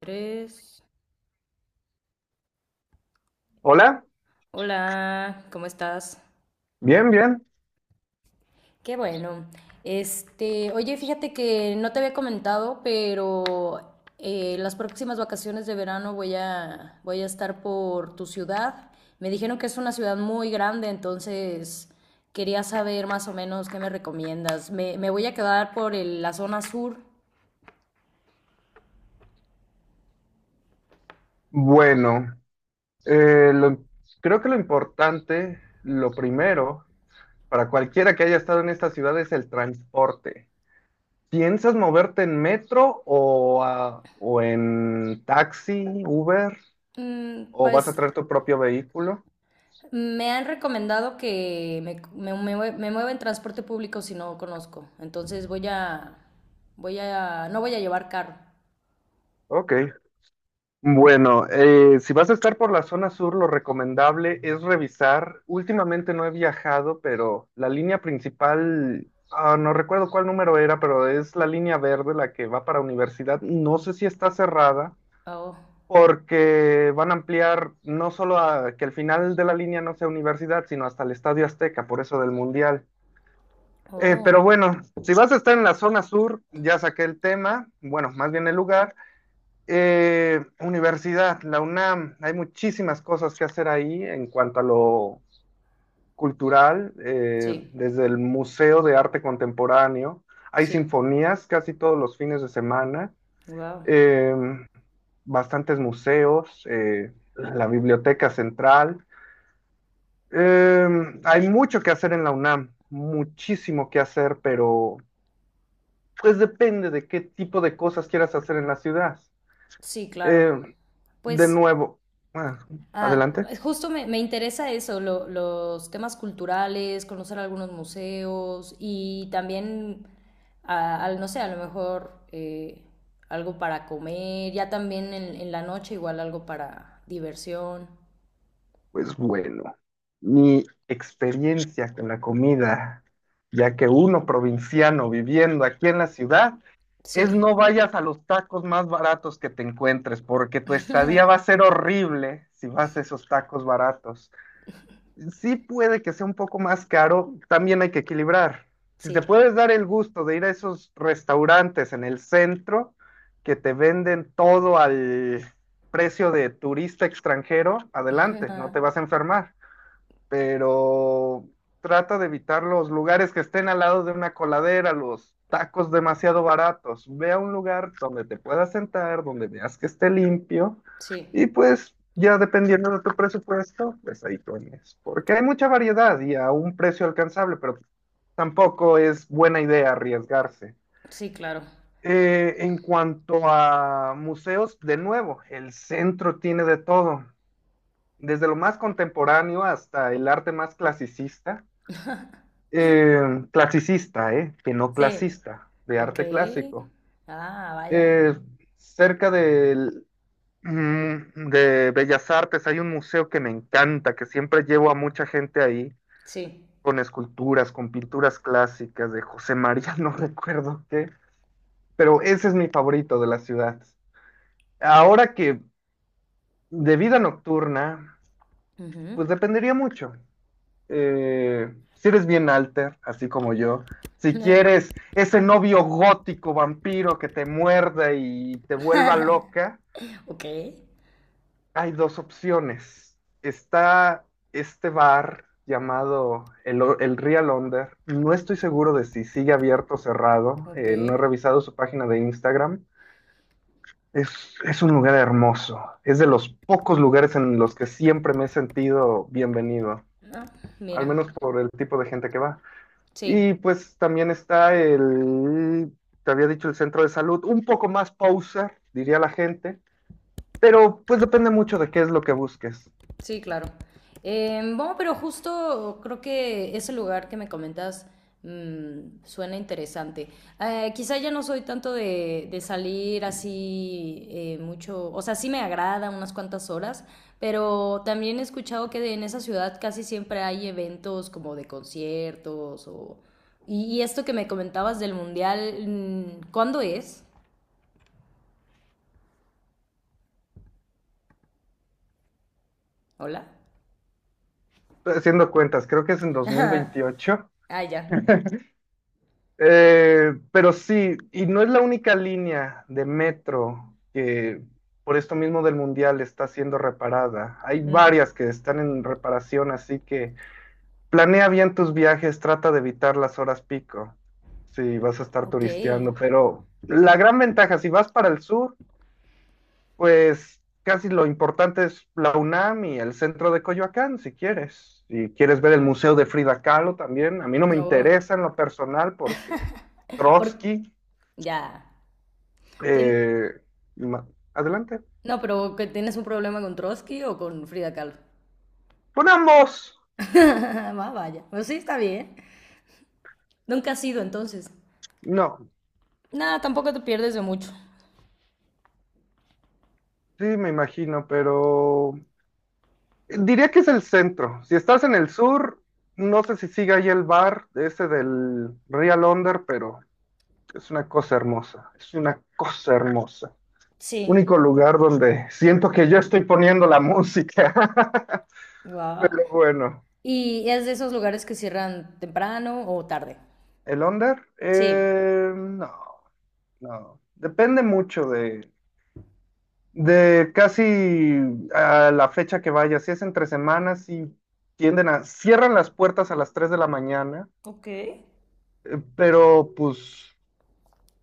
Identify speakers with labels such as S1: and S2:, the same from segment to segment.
S1: Tres.
S2: Hola,
S1: Hola, ¿cómo estás?
S2: bien, bien.
S1: Qué bueno. Oye, fíjate que no te había comentado, pero las próximas vacaciones de verano voy a estar por tu ciudad. Me dijeron que es una ciudad muy grande, entonces quería saber más o menos qué me recomiendas. Me voy a quedar por la zona sur.
S2: Bueno, eh, lo- creo que lo importante, lo primero, para cualquiera que haya estado en esta ciudad es el transporte. ¿Piensas moverte en metro o o en taxi, Uber,
S1: Mm,
S2: o vas a
S1: pues
S2: traer tu propio vehículo?
S1: me han recomendado que me mueva en transporte público si no conozco. Entonces voy a, no voy a llevar carro.
S2: Ok. Bueno, si vas a estar por la zona sur, lo recomendable es revisar. Últimamente no he viajado, pero la línea principal, no recuerdo cuál número era, pero es la línea verde, la que va para universidad. No sé si está cerrada,
S1: Oh,
S2: porque van a ampliar no solo a que el final de la línea no sea universidad, sino hasta el Estadio Azteca, por eso del Mundial. Pero
S1: oh,
S2: bueno, si vas a estar en la zona sur, ya saqué el tema, bueno, más bien el lugar. Universidad, la UNAM, hay muchísimas cosas que hacer ahí en cuanto a lo cultural,
S1: sí,
S2: desde el Museo de Arte Contemporáneo, hay
S1: sí,
S2: sinfonías casi todos los fines de semana,
S1: wow,
S2: eh, bastantes museos, la Biblioteca Central, eh, hay mucho que hacer en la UNAM, muchísimo que hacer, pero pues depende de qué tipo de cosas quieras hacer en la ciudad.
S1: sí, claro.
S2: Eh, de
S1: Pues
S2: nuevo, bueno,
S1: ah,
S2: adelante.
S1: justo me interesa eso, los temas culturales, conocer algunos museos y también, no sé, a lo mejor algo para comer, ya también en la noche igual algo para diversión.
S2: Pues bueno, mi experiencia con la comida, ya que uno provinciano viviendo aquí en la ciudad, es
S1: Sí,
S2: no vayas a los tacos más baratos que te encuentres, porque tu estadía va a ser horrible si vas a esos tacos baratos. Sí puede que sea un poco más caro, también hay que equilibrar. Si te
S1: sí,
S2: puedes dar el gusto de ir a esos restaurantes en el centro que te venden todo al precio de turista extranjero, adelante, no te vas a enfermar, pero trata de evitar los lugares que estén al lado de una coladera, los tacos demasiado baratos. Ve a un lugar donde te puedas sentar, donde veas que esté limpio
S1: sí,
S2: y pues ya dependiendo de tu presupuesto, pues ahí pones. Porque hay mucha variedad y a un precio alcanzable, pero tampoco es buena idea arriesgarse.
S1: sí, claro.
S2: En cuanto a museos, de nuevo, el centro tiene de todo, desde lo más contemporáneo hasta el arte más clasicista, eh, que no
S1: Sí,
S2: clasista, de
S1: ok.
S2: arte clásico.
S1: Ah, vaya.
S2: Eh, cerca de Bellas Artes hay un museo que me encanta, que siempre llevo a mucha gente ahí,
S1: Sí.
S2: con esculturas, con pinturas clásicas de José María, no recuerdo qué, pero ese es mi favorito de la ciudad. Ahora que de vida nocturna,
S1: Ujú.
S2: pues dependería mucho. Si eres bien alter, así como yo, si quieres ese novio gótico vampiro que te muerde y te vuelva loca,
S1: Ok,
S2: hay dos opciones. Está este bar llamado el Real Under. No estoy seguro de si sigue abierto o cerrado.
S1: ok.
S2: No he revisado su página de Instagram. Es, es un lugar hermoso. Es de los pocos lugares en los que siempre me he sentido bienvenido,
S1: Ah,
S2: al
S1: mira,
S2: menos por el tipo de gente que va. Y
S1: sí.
S2: pues también está el, te había dicho, el centro de salud, un poco más pausa, diría la gente, pero pues depende mucho de qué es lo que busques.
S1: Sí, claro. Bueno, pero justo creo que ese lugar que me comentas mm, suena interesante. Quizá ya no soy tanto de salir así mucho, o sea, sí me agrada unas cuantas horas, pero también he escuchado que en esa ciudad casi siempre hay eventos como de conciertos o... y esto que me comentabas del mundial, mm, ¿cuándo es? Hola.
S2: Estoy haciendo cuentas, creo que es en 2028.
S1: Ah, ya.
S2: Pero sí, y no es la única línea de metro que por esto mismo del mundial está siendo reparada. Hay
S1: Mm,
S2: varias que están en reparación, así que planea bien tus viajes, trata de evitar las horas pico si vas a estar
S1: ok.
S2: turisteando, pero la gran ventaja, si vas para el sur, pues casi lo importante es la UNAM y el centro de Coyoacán, si quieres. Si quieres ver el Museo de Frida Kahlo también, a mí no me
S1: No.
S2: interesa en lo personal porque
S1: Por-
S2: Trotsky,
S1: Ya. Tien-
S2: eh, ma- adelante.
S1: No, pero que tienes un problema con Trotsky o con Frida Kahlo.
S2: Con ambos,
S1: Más vaya. Pues sí, está bien. Nunca has ido entonces.
S2: no,
S1: Nada, tampoco te pierdes de mucho.
S2: sí me imagino, pero diría que es el centro. Si estás en el sur, no sé si sigue ahí el bar ese del Real Under, pero es una cosa hermosa. Es una cosa hermosa.
S1: Sí.
S2: Único lugar donde siento que yo estoy poniendo la música.
S1: Wow.
S2: Pero bueno,
S1: ¿Y es de esos lugares que cierran temprano o tarde?
S2: ¿el Under?
S1: Sí.
S2: No. no. Depende mucho de casi a la fecha que vaya. Si es entre semanas, y tienden a... Cierran las puertas a las 3 de la mañana,
S1: Ok.
S2: pero pues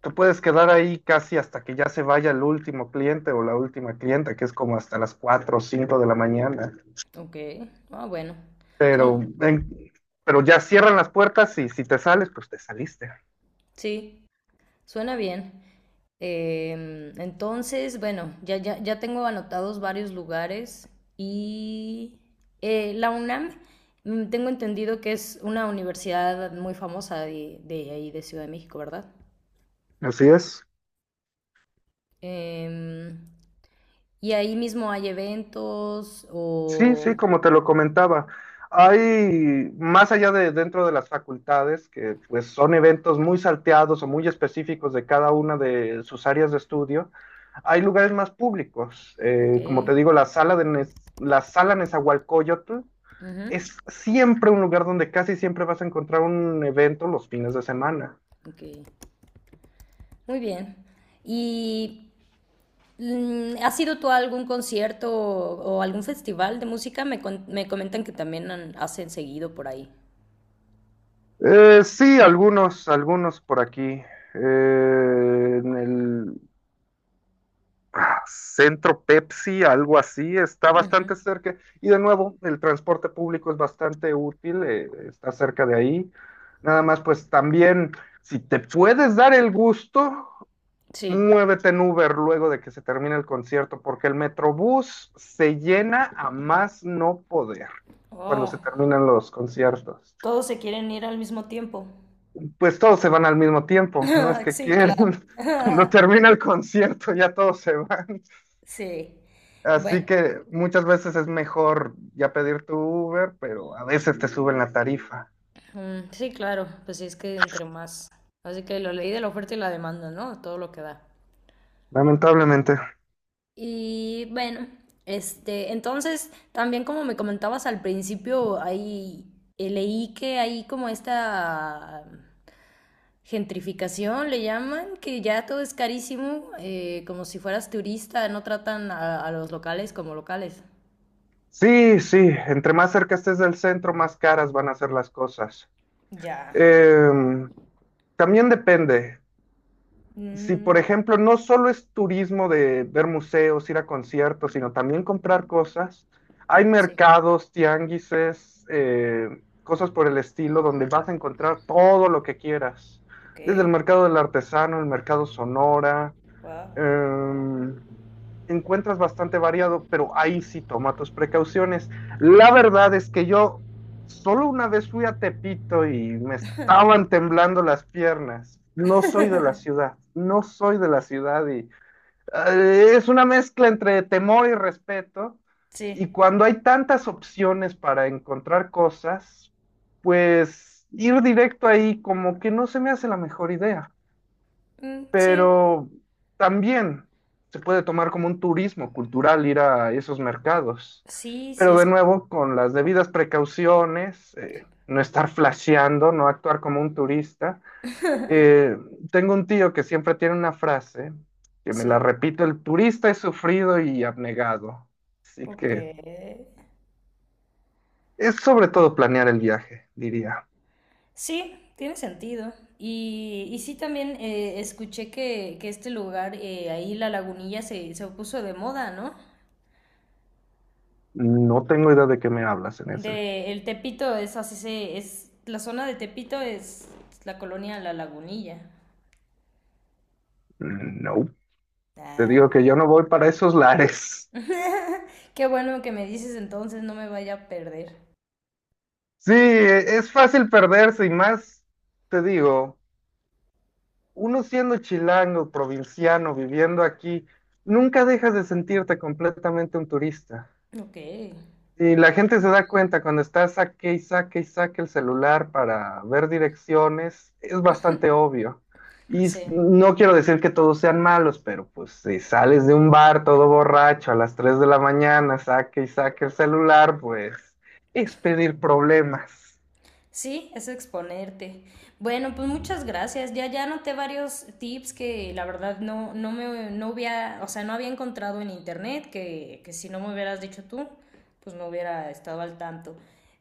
S2: te puedes quedar ahí casi hasta que ya se vaya el último cliente o la última clienta, que es como hasta las 4 o 5 de la mañana.
S1: Ok. Ah, bueno. Son...
S2: Pero, en- pero ya cierran las puertas y si te sales, pues te saliste.
S1: Sí. Suena bien. Em, entonces, bueno, ya tengo anotados varios lugares y la UNAM, mm, tengo entendido que es una universidad muy famosa de ahí, de Ciudad de México, ¿verdad?
S2: Así es.
S1: Em, y ahí mismo hay eventos
S2: Sí, sí,
S1: o...
S2: como te lo comentaba. Hay, más allá de dentro de las facultades, que pues son eventos muy salteados o muy específicos de cada una de sus áreas de estudio, hay lugares más públicos.
S1: Ok.
S2: Como te digo, la sala Nezahualcóyotl
S1: Ujú,
S2: es siempre un lugar donde casi siempre vas a encontrar un evento los fines de semana.
S1: ok. Muy bien. Y mm, ¿has ido tú a algún concierto o algún festival de música? Me comentan que también hacen seguido por ahí.
S2: Sí, algunos, algunos por aquí. En el centro Pepsi, algo así, está
S1: Ujú.
S2: bastante cerca. Y de nuevo, el transporte público es bastante útil, está cerca de ahí. Nada más, pues también, si te puedes dar el gusto,
S1: Sí.
S2: muévete en Uber luego de que se termine el concierto, porque el Metrobús se llena a más no poder cuando
S1: Oh,
S2: se terminan los conciertos.
S1: todos se quieren ir al mismo tiempo.
S2: Pues todos se van al mismo tiempo, no es que
S1: Sí,
S2: quieran.
S1: claro.
S2: Cuando termina el concierto ya todos se van.
S1: Sí.
S2: Así
S1: Bueno,
S2: que muchas veces es mejor ya pedir tu Uber, pero a veces te suben la tarifa,
S1: mm, sí, claro. Pues sí, es que entre más. Así que lo leí de la oferta y la demanda, ¿no? Todo lo que da.
S2: lamentablemente.
S1: Y bueno, este, entonces también como me comentabas al principio, ahí leí que hay como esta gentrificación, le llaman, que ya todo es carísimo, como si fueras turista, no tratan a los locales como locales.
S2: Sí, sí, entre más cerca estés del centro, más caras van a ser las cosas.
S1: Ya.
S2: Em, también depende. Si, por
S1: Mm,
S2: ejemplo, no solo es turismo de ver museos, ir a conciertos, sino también comprar cosas, hay
S1: sí.
S2: mercados, tianguises, cosas por el estilo, donde vas a encontrar todo lo que quieras.
S1: Ok.
S2: Desde el mercado del artesano, el mercado Sonora,
S1: Wow.
S2: em, encuentras bastante variado, pero ahí sí toma tus precauciones. La
S1: Ok.
S2: verdad es que yo solo una vez fui a Tepito y me estaban temblando las piernas. No soy de la ciudad, no soy de la ciudad y es una mezcla entre temor y respeto. Y
S1: Sí.
S2: cuando hay tantas opciones para encontrar cosas, pues ir directo ahí como que no se me hace la mejor idea,
S1: Mm, sí.
S2: pero también se puede tomar como un turismo cultural ir a esos mercados.
S1: Sí, sí
S2: Pero de
S1: es.
S2: nuevo, con las debidas precauciones,
S1: Sí.
S2: no estar flasheando, no actuar como un turista. Eh, tengo un tío que siempre tiene una frase que me
S1: Sí.
S2: la repito, el turista es sufrido y abnegado. Así
S1: Ok.
S2: que es sobre todo planear el viaje, diría.
S1: Sí, tiene sentido. Y sí, también escuché que este lugar, ahí la lagunilla, se puso de moda, ¿no?
S2: No tengo idea de qué me hablas en ese.
S1: De el Tepito es así, se, es la zona de Tepito es la colonia La Lagunilla.
S2: No, te digo
S1: Claro.
S2: que yo no voy para esos lares.
S1: Qué bueno que me dices entonces, no me vaya a perder.
S2: Sí, es fácil perderse y más, te digo, uno siendo chilango, provinciano, viviendo aquí, nunca dejas de sentirte completamente un turista.
S1: Ok,
S2: Y la gente se da cuenta cuando estás saque y saque y saque el celular para ver direcciones, es bastante obvio. Y
S1: sí.
S2: no quiero decir que todos sean malos, pero pues si sales de un bar todo borracho a las 3 de la mañana, saque y saque el celular, pues es pedir problemas.
S1: Sí, es exponerte. Bueno, pues muchas gracias. Ya anoté varios tips que la verdad no me no había, o sea, no había encontrado en internet, que si no me hubieras dicho tú, pues no hubiera estado al tanto.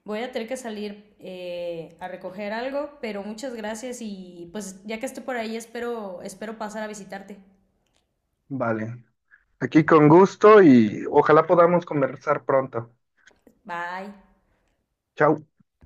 S1: Voy a tener que salir a recoger algo, pero muchas gracias y pues ya que esté por ahí espero pasar a visitarte.
S2: Vale. Aquí con gusto y ojalá podamos conversar pronto.
S1: Bye.
S2: Chao.